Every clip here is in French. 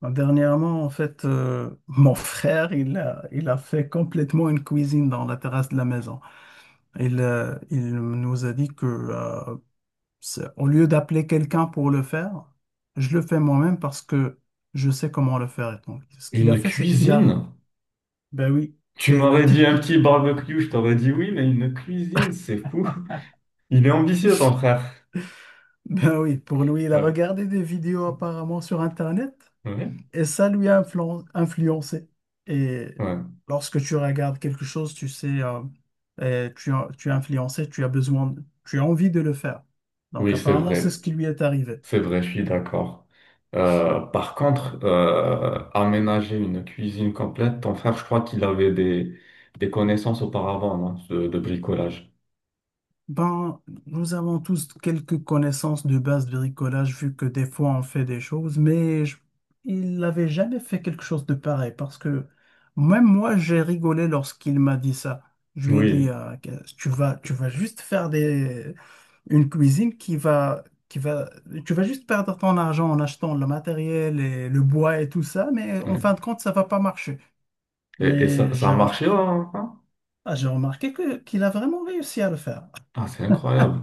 Dernièrement, en fait, mon frère, il a fait complètement une cuisine dans la terrasse de la maison. Il nous a dit que, au lieu d'appeler quelqu'un pour le faire, je le fais moi-même parce que je sais comment le faire. Et donc, ce qu'il a Une fait, c'est cuisine? ben oui, Tu le m'aurais dit type, un petit barbecue, je t'aurais dit oui, mais une cuisine, c'est fou. Il est ambitieux, ton frère. ben oui, pour lui, il a Euh, regardé des vidéos apparemment sur Internet. ouais, Et ça lui a influencé. Et ouais. lorsque tu regardes quelque chose, tu sais, et tu es influencé, tu as besoin, tu as envie de le faire. Donc Oui, c'est apparemment, c'est ce vrai. qui lui est arrivé. C'est vrai, je suis d'accord. Par contre, aménager une cuisine complète, ton frère, je crois qu'il avait des connaissances auparavant, non, de bricolage. Ben, nous avons tous quelques connaissances de base de bricolage, vu que des fois on fait des choses, mais il n'avait jamais fait quelque chose de pareil, parce que même moi, j'ai rigolé lorsqu'il m'a dit ça. Je lui ai dit, Oui, que tu vas juste faire des, une cuisine qui va, tu vas juste perdre ton argent en achetant le matériel et le bois et tout ça, mais en oui. fin de compte, ça va pas marcher. Et Mais ça a marché, hein? Hein? ah, j'ai remarqué qu'il a vraiment réussi à le faire. Ah, c'est incroyable.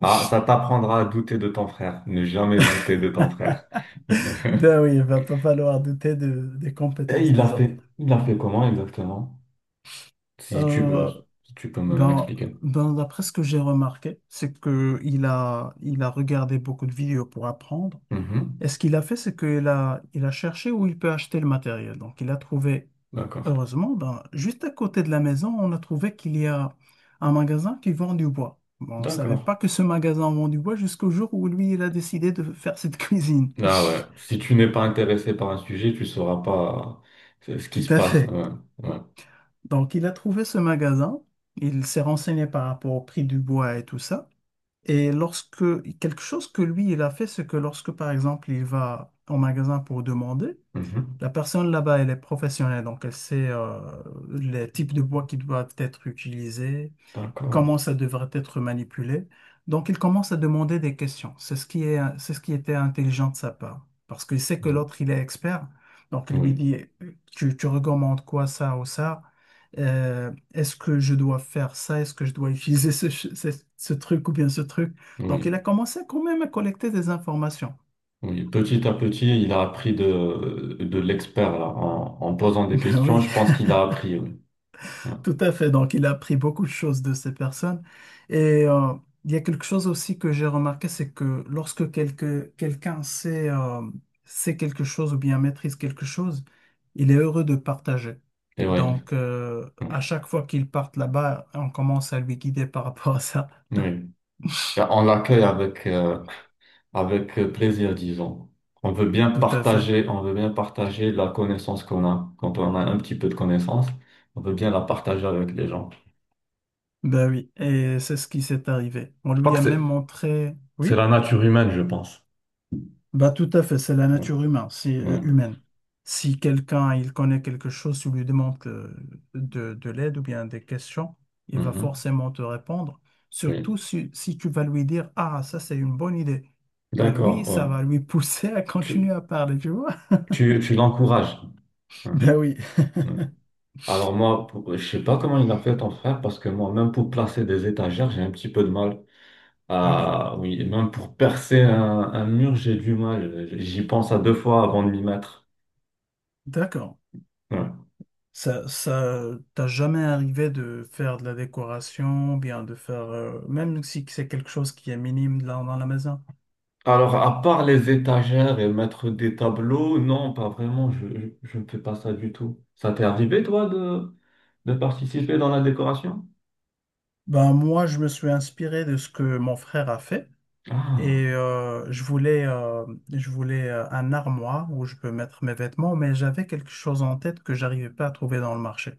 Ah, ça t'apprendra à douter de ton frère. Ne jamais douter de ton frère. Ben oui, il va pas falloir douter des Et compétences des autres. Il l'a fait comment exactement? Euh, Si tu peux ben, m'expliquer. ben, d'après ce que j'ai remarqué, c'est que il a regardé beaucoup de vidéos pour apprendre. Et Mhm. ce qu'il a fait, c'est il a cherché où il peut acheter le matériel. Donc, il a trouvé, D'accord. heureusement, ben, juste à côté de la maison, on a trouvé qu'il y a un magasin qui vend du bois. Bon, on ne savait D'accord. pas que ce magasin vend du bois jusqu'au jour où lui, il a décidé de faire cette cuisine. Ah ouais. Si tu n'es pas intéressé par un sujet, tu sauras pas ce qui Tout se à passe. fait. Ouais. Ouais. Donc, il a trouvé ce magasin, il s'est renseigné par rapport au prix du bois et tout ça. Et lorsque quelque chose que lui, il a fait, c'est que lorsque, par exemple, il va au magasin pour demander, Mhm. la personne là-bas, elle est professionnelle, donc elle sait les types de bois qui doivent être utilisés, D'accord. comment ça devrait être manipulé. Donc, il commence à demander des questions. C'est ce qui était intelligent de sa part, parce qu'il sait que Mm. l'autre, il est expert. Donc, il lui Oui. dit, tu recommandes quoi, ça ou ça? Est-ce que je dois faire ça? Est-ce que je dois utiliser ce truc ou bien ce truc? Donc, il a Oui. commencé quand même à collecter des informations. Oui. Petit à petit, il a appris de l'expert là. En posant des Ben questions, oui, je pense qu'il a appris. Oui. Ouais. tout à fait. Donc, il a appris beaucoup de choses de ces personnes. Et euh, il y a quelque chose aussi que j'ai remarqué, c'est que lorsque quelqu'un sait, sait quelque chose ou bien maîtrise quelque chose, il est heureux de partager. Et oui. Donc, Oui. à chaque fois qu'il part là-bas, on commence à lui guider par rapport à ça. Oui. Et on l'accueille avec, avec plaisir, disons. On veut bien Tout à fait. partager, on veut bien partager la connaissance qu'on a. Quand on a un petit peu de connaissance, on veut bien la partager avec les gens. Ben oui. Et c'est ce qui s'est arrivé. On Je crois lui que a même montré. c'est Oui? la nature humaine, je pense. Bah, tout à fait, c'est la Ouais, nature humaine. Si, ouais, humaine. Si quelqu'un il connaît quelque chose, tu lui demandes de l'aide ou bien des questions, il va mhm, forcément te répondre. Surtout oui. si, si tu vas lui dire, ah, ça c'est une bonne idée. Bah lui, D'accord, ouais. ça va lui pousser à continuer Tu, à parler, tu vois. Tu l'encourages. Ouais, Ben oui. ouais. Alors moi, je sais pas comment il a fait ton frère, parce que moi, même pour placer des étagères, j'ai un petit peu de mal. Ah oui. Ah oui, même pour percer un mur, j'ai du mal. J'y pense à 2 fois avant de m'y mettre. D'accord. Ouais. Ça t'as jamais arrivé de faire de la décoration, bien de faire, même si c'est quelque chose qui est minime là dans la maison. Alors, à part les étagères et mettre des tableaux, non, pas vraiment, je ne fais pas ça du tout. Ça t'est arrivé, toi, de participer dans la décoration? Ben, moi, je me suis inspiré de ce que mon frère a fait et Ah, je voulais un armoire où je peux mettre mes vêtements, mais j'avais quelque chose en tête que j'arrivais pas à trouver dans le marché.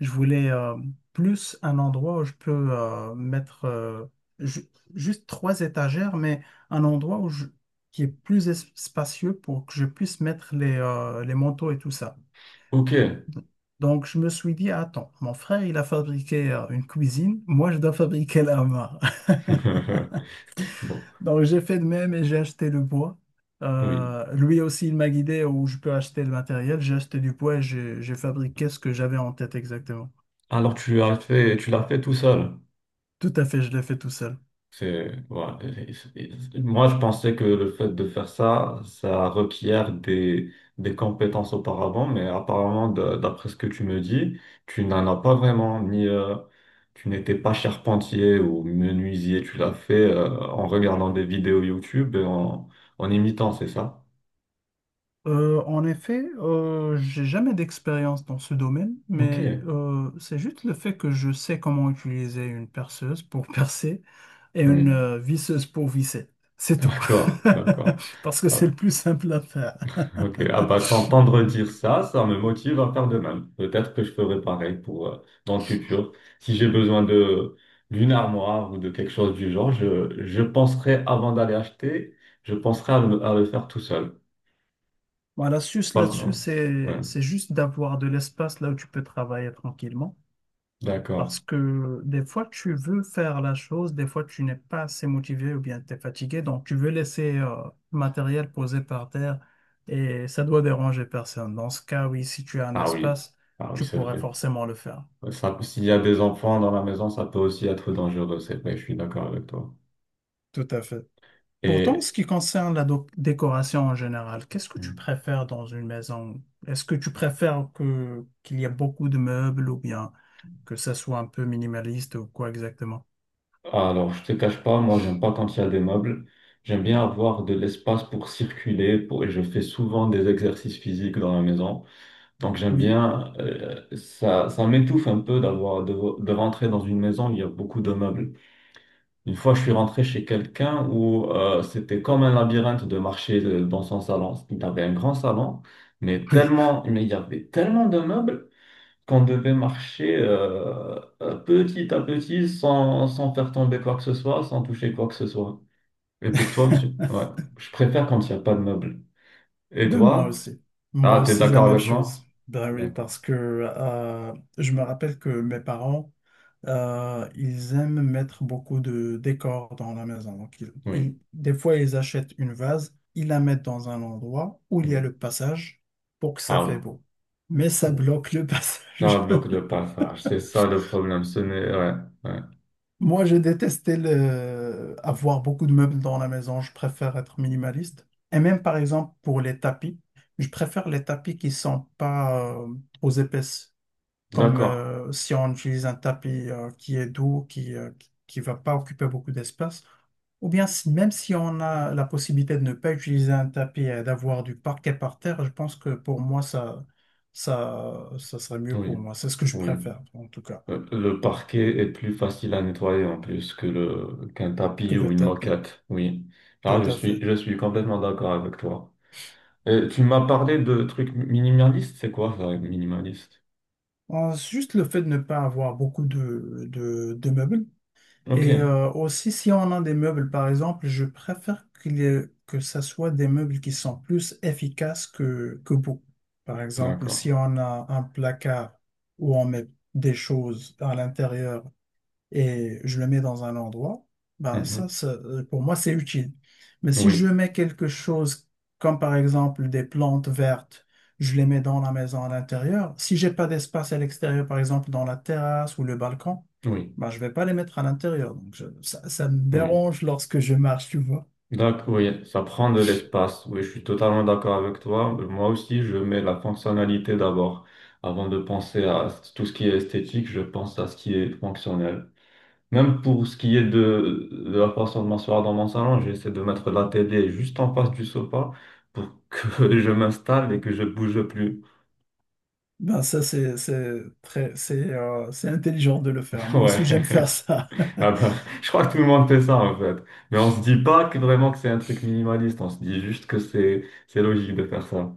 Je voulais plus un endroit où je peux mettre juste 3 étagères, mais un endroit qui est plus spacieux pour que je puisse mettre les manteaux et tout ça. ok. Donc, je me suis dit, attends, mon frère, il a fabriqué une cuisine, moi, je dois fabriquer l'armoire. Bon, Donc, j'ai fait de même et j'ai acheté le bois. oui. Lui aussi, il m'a guidé où je peux acheter le matériel. J'ai acheté du bois et j'ai fabriqué ce que j'avais en tête exactement. Alors, tu l'as fait tout seul. Tout à fait, je l'ai fait tout seul. C'est, voilà. Et- Moi, je pensais que le fait de faire ça, ça requiert des compétences auparavant, mais apparemment, d'après ce que tu me dis, tu n'en as pas vraiment, ni tu n'étais pas charpentier ou menuisier, tu l'as fait en regardant des vidéos YouTube et en, en imitant, c'est ça? En effet, j'ai jamais d'expérience dans ce domaine, Ok, mais c'est juste le fait que je sais comment utiliser une perceuse pour percer et oui, une visseuse pour visser. C'est tout. d'accord, d'accord. Parce que c'est le Ah, plus simple à faire. ok, ah bah t'entendre dire ça, ça me motive à faire de même. Peut-être que je ferai pareil pour dans le futur. Si j'ai besoin de d'une armoire ou de quelque chose du genre, je penserai avant d'aller acheter, je penserai à à le faire tout seul. Bon, l'astuce Pas- là-dessus, ouais, c'est juste d'avoir de l'espace là où tu peux travailler tranquillement. d'accord. Parce que des fois, tu veux faire la chose, des fois, tu n'es pas assez motivé ou bien tu es fatigué, donc tu veux laisser le matériel posé par terre et ça doit déranger personne. Dans ce cas, oui, si tu as un Ah oui, espace, ah oui, tu c'est pourrais vrai. forcément le faire. Ouais, ça, s'il y a des enfants dans la maison, ça peut aussi être dangereux, c'est vrai, je suis d'accord avec toi. Tout à fait. Pourtant, en Et ce qui concerne la décoration en général, qu'est-ce que tu préfères dans une maison? Est-ce que tu préfères que qu'il y ait beaucoup de meubles ou bien que ça soit un peu minimaliste ou quoi exactement? alors, je te cache pas, moi, j'aime pas quand il y a des meubles. J'aime bien avoir de l'espace pour circuler, pour... et je fais souvent des exercices physiques dans la maison. Donc, j'aime Oui, bien, ça m'étouffe un peu de rentrer dans une maison où il y a beaucoup de meubles. Une fois, je suis rentré chez quelqu'un où c'était comme un labyrinthe de marcher dans son salon. Il avait un grand salon, oui. Mais il y avait tellement de meubles qu'on devait marcher petit à petit sans faire tomber quoi que ce soit, sans toucher quoi que ce soit. Et pour toi, tu... ouais, je préfère quand il n'y a pas de meubles. Et Ben moi toi? aussi. Moi Ah, t'es aussi, la d'accord même avec chose. moi? Ben oui, D'accord. parce que je me rappelle que mes parents, ils aiment mettre beaucoup de décors dans la maison. Donc, Oui, des fois, ils achètent une vase, ils la mettent dans un endroit où il y a oui. le passage pour que ça fait Ah beau. Mais ça oui. bloque le T'as passage. un bloc de passage, c'est ça le problème. Ce n'est... Ouais, ouais. Moi, j'ai détesté le... avoir beaucoup de meubles dans la maison. Je préfère être minimaliste. Et même, par exemple, pour les tapis, je préfère les tapis qui sont pas trop épaisses. Comme D'accord. Si on utilise un tapis qui est doux, qui va pas occuper beaucoup d'espace. Ou bien, même si on a la possibilité de ne pas utiliser un tapis et d'avoir du parquet par terre, je pense que pour moi, ça serait mieux pour Oui, moi. C'est ce que je oui. préfère, en tout cas, le parquet est plus facile à nettoyer en plus que le qu'un que tapis le ou une tapis. moquette. Oui. Ah, Tout à fait. je suis complètement d'accord avec toi. Et tu m'as parlé de trucs minimalistes, c'est quoi ça, minimaliste? Juste le fait de ne pas avoir beaucoup de meubles. Ok, Aussi, si on a des meubles, par exemple, je préfère que ça soit des meubles qui sont plus efficaces que beaux. Par exemple, d'accord. si on a un placard où on met des choses à l'intérieur, et je le mets dans un endroit, ben Mhm. Pour moi, c'est utile. Mais si je Oui, mets quelque chose comme par exemple des plantes vertes, je les mets dans la maison à l'intérieur. Si j'ai pas d'espace à l'extérieur, par exemple dans la terrasse ou le balcon, oui, ben je vais pas les mettre à l'intérieur. Ça, ça me oui. dérange lorsque je marche, tu vois. D'accord, oui, ça prend de l'espace. Oui, je suis totalement d'accord avec toi. Moi aussi, je mets la fonctionnalité d'abord. Avant de penser à tout ce qui est esthétique, je pense à ce qui est fonctionnel. Même pour ce qui est de la façon de m'asseoir dans mon salon, j'essaie de mettre la télé juste en face du sofa pour que je m'installe et que je bouge plus. Ben ça, c'est intelligent de le faire. Moi aussi, Ouais. j'aime faire ça. Ah bah, je crois que tout le monde fait ça en fait. Mais on se dit pas que vraiment que c'est un truc minimaliste, on se dit juste que c'est logique de faire ça.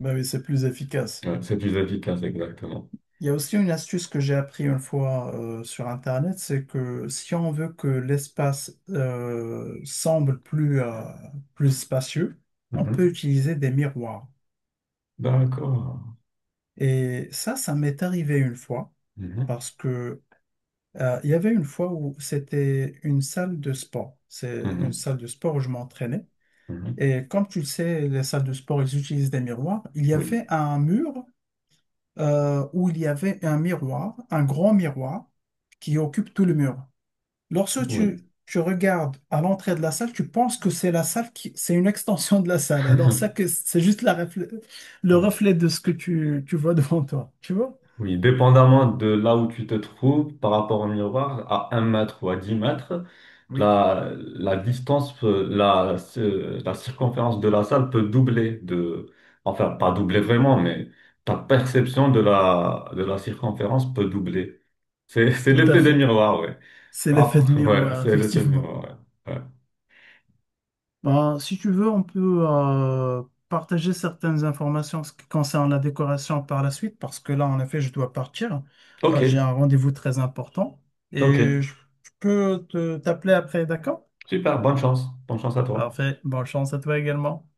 Ben oui, c'est plus efficace. Ouais, c'est plus efficace, exactement. Il y a aussi une astuce que j'ai appris une fois sur Internet, c'est que si on veut que l'espace semble plus spacieux, on peut Mhm. utiliser des miroirs. D'accord. Et ça m'est arrivé une fois Mhm. parce que il y avait une fois où c'était une salle de sport. C'est une Mhm. salle de sport où je m'entraînais. Mhm. Et comme tu le sais, les salles de sport, ils utilisent des miroirs. Il y avait Oui. un mur où il y avait un miroir, un grand miroir qui occupe tout le mur. Lorsque tu, Oui. tu regardes à l'entrée de la salle, tu penses que c'est la salle qui, c'est une extension de la salle. Alors ça que c'est juste la le Ouais. reflet de ce que tu vois devant toi. Tu vois? Oui, dépendamment de là où tu te trouves par rapport au miroir, à 1 mètre ou à 10 mètres, Oui. La distance, la circonférence de la salle peut doubler enfin, pas doubler vraiment, mais ta perception de de la circonférence peut doubler. C'est, c'est Tout à l'effet des fait. miroirs, ouais. C'est Ah, l'effet de ouais, miroir, c'est l'effet des effectivement. miroirs, ouais. Ouais. Ben, si tu veux, on peut partager certaines informations en ce qui concerne la décoration par la suite, parce que là, en effet, je dois partir. Ok, J'ai un rendez-vous très important ok. et je peux te t'appeler après, d'accord? Super, bonne chance. Bonne chance à toi. Parfait. Bonne chance à toi également.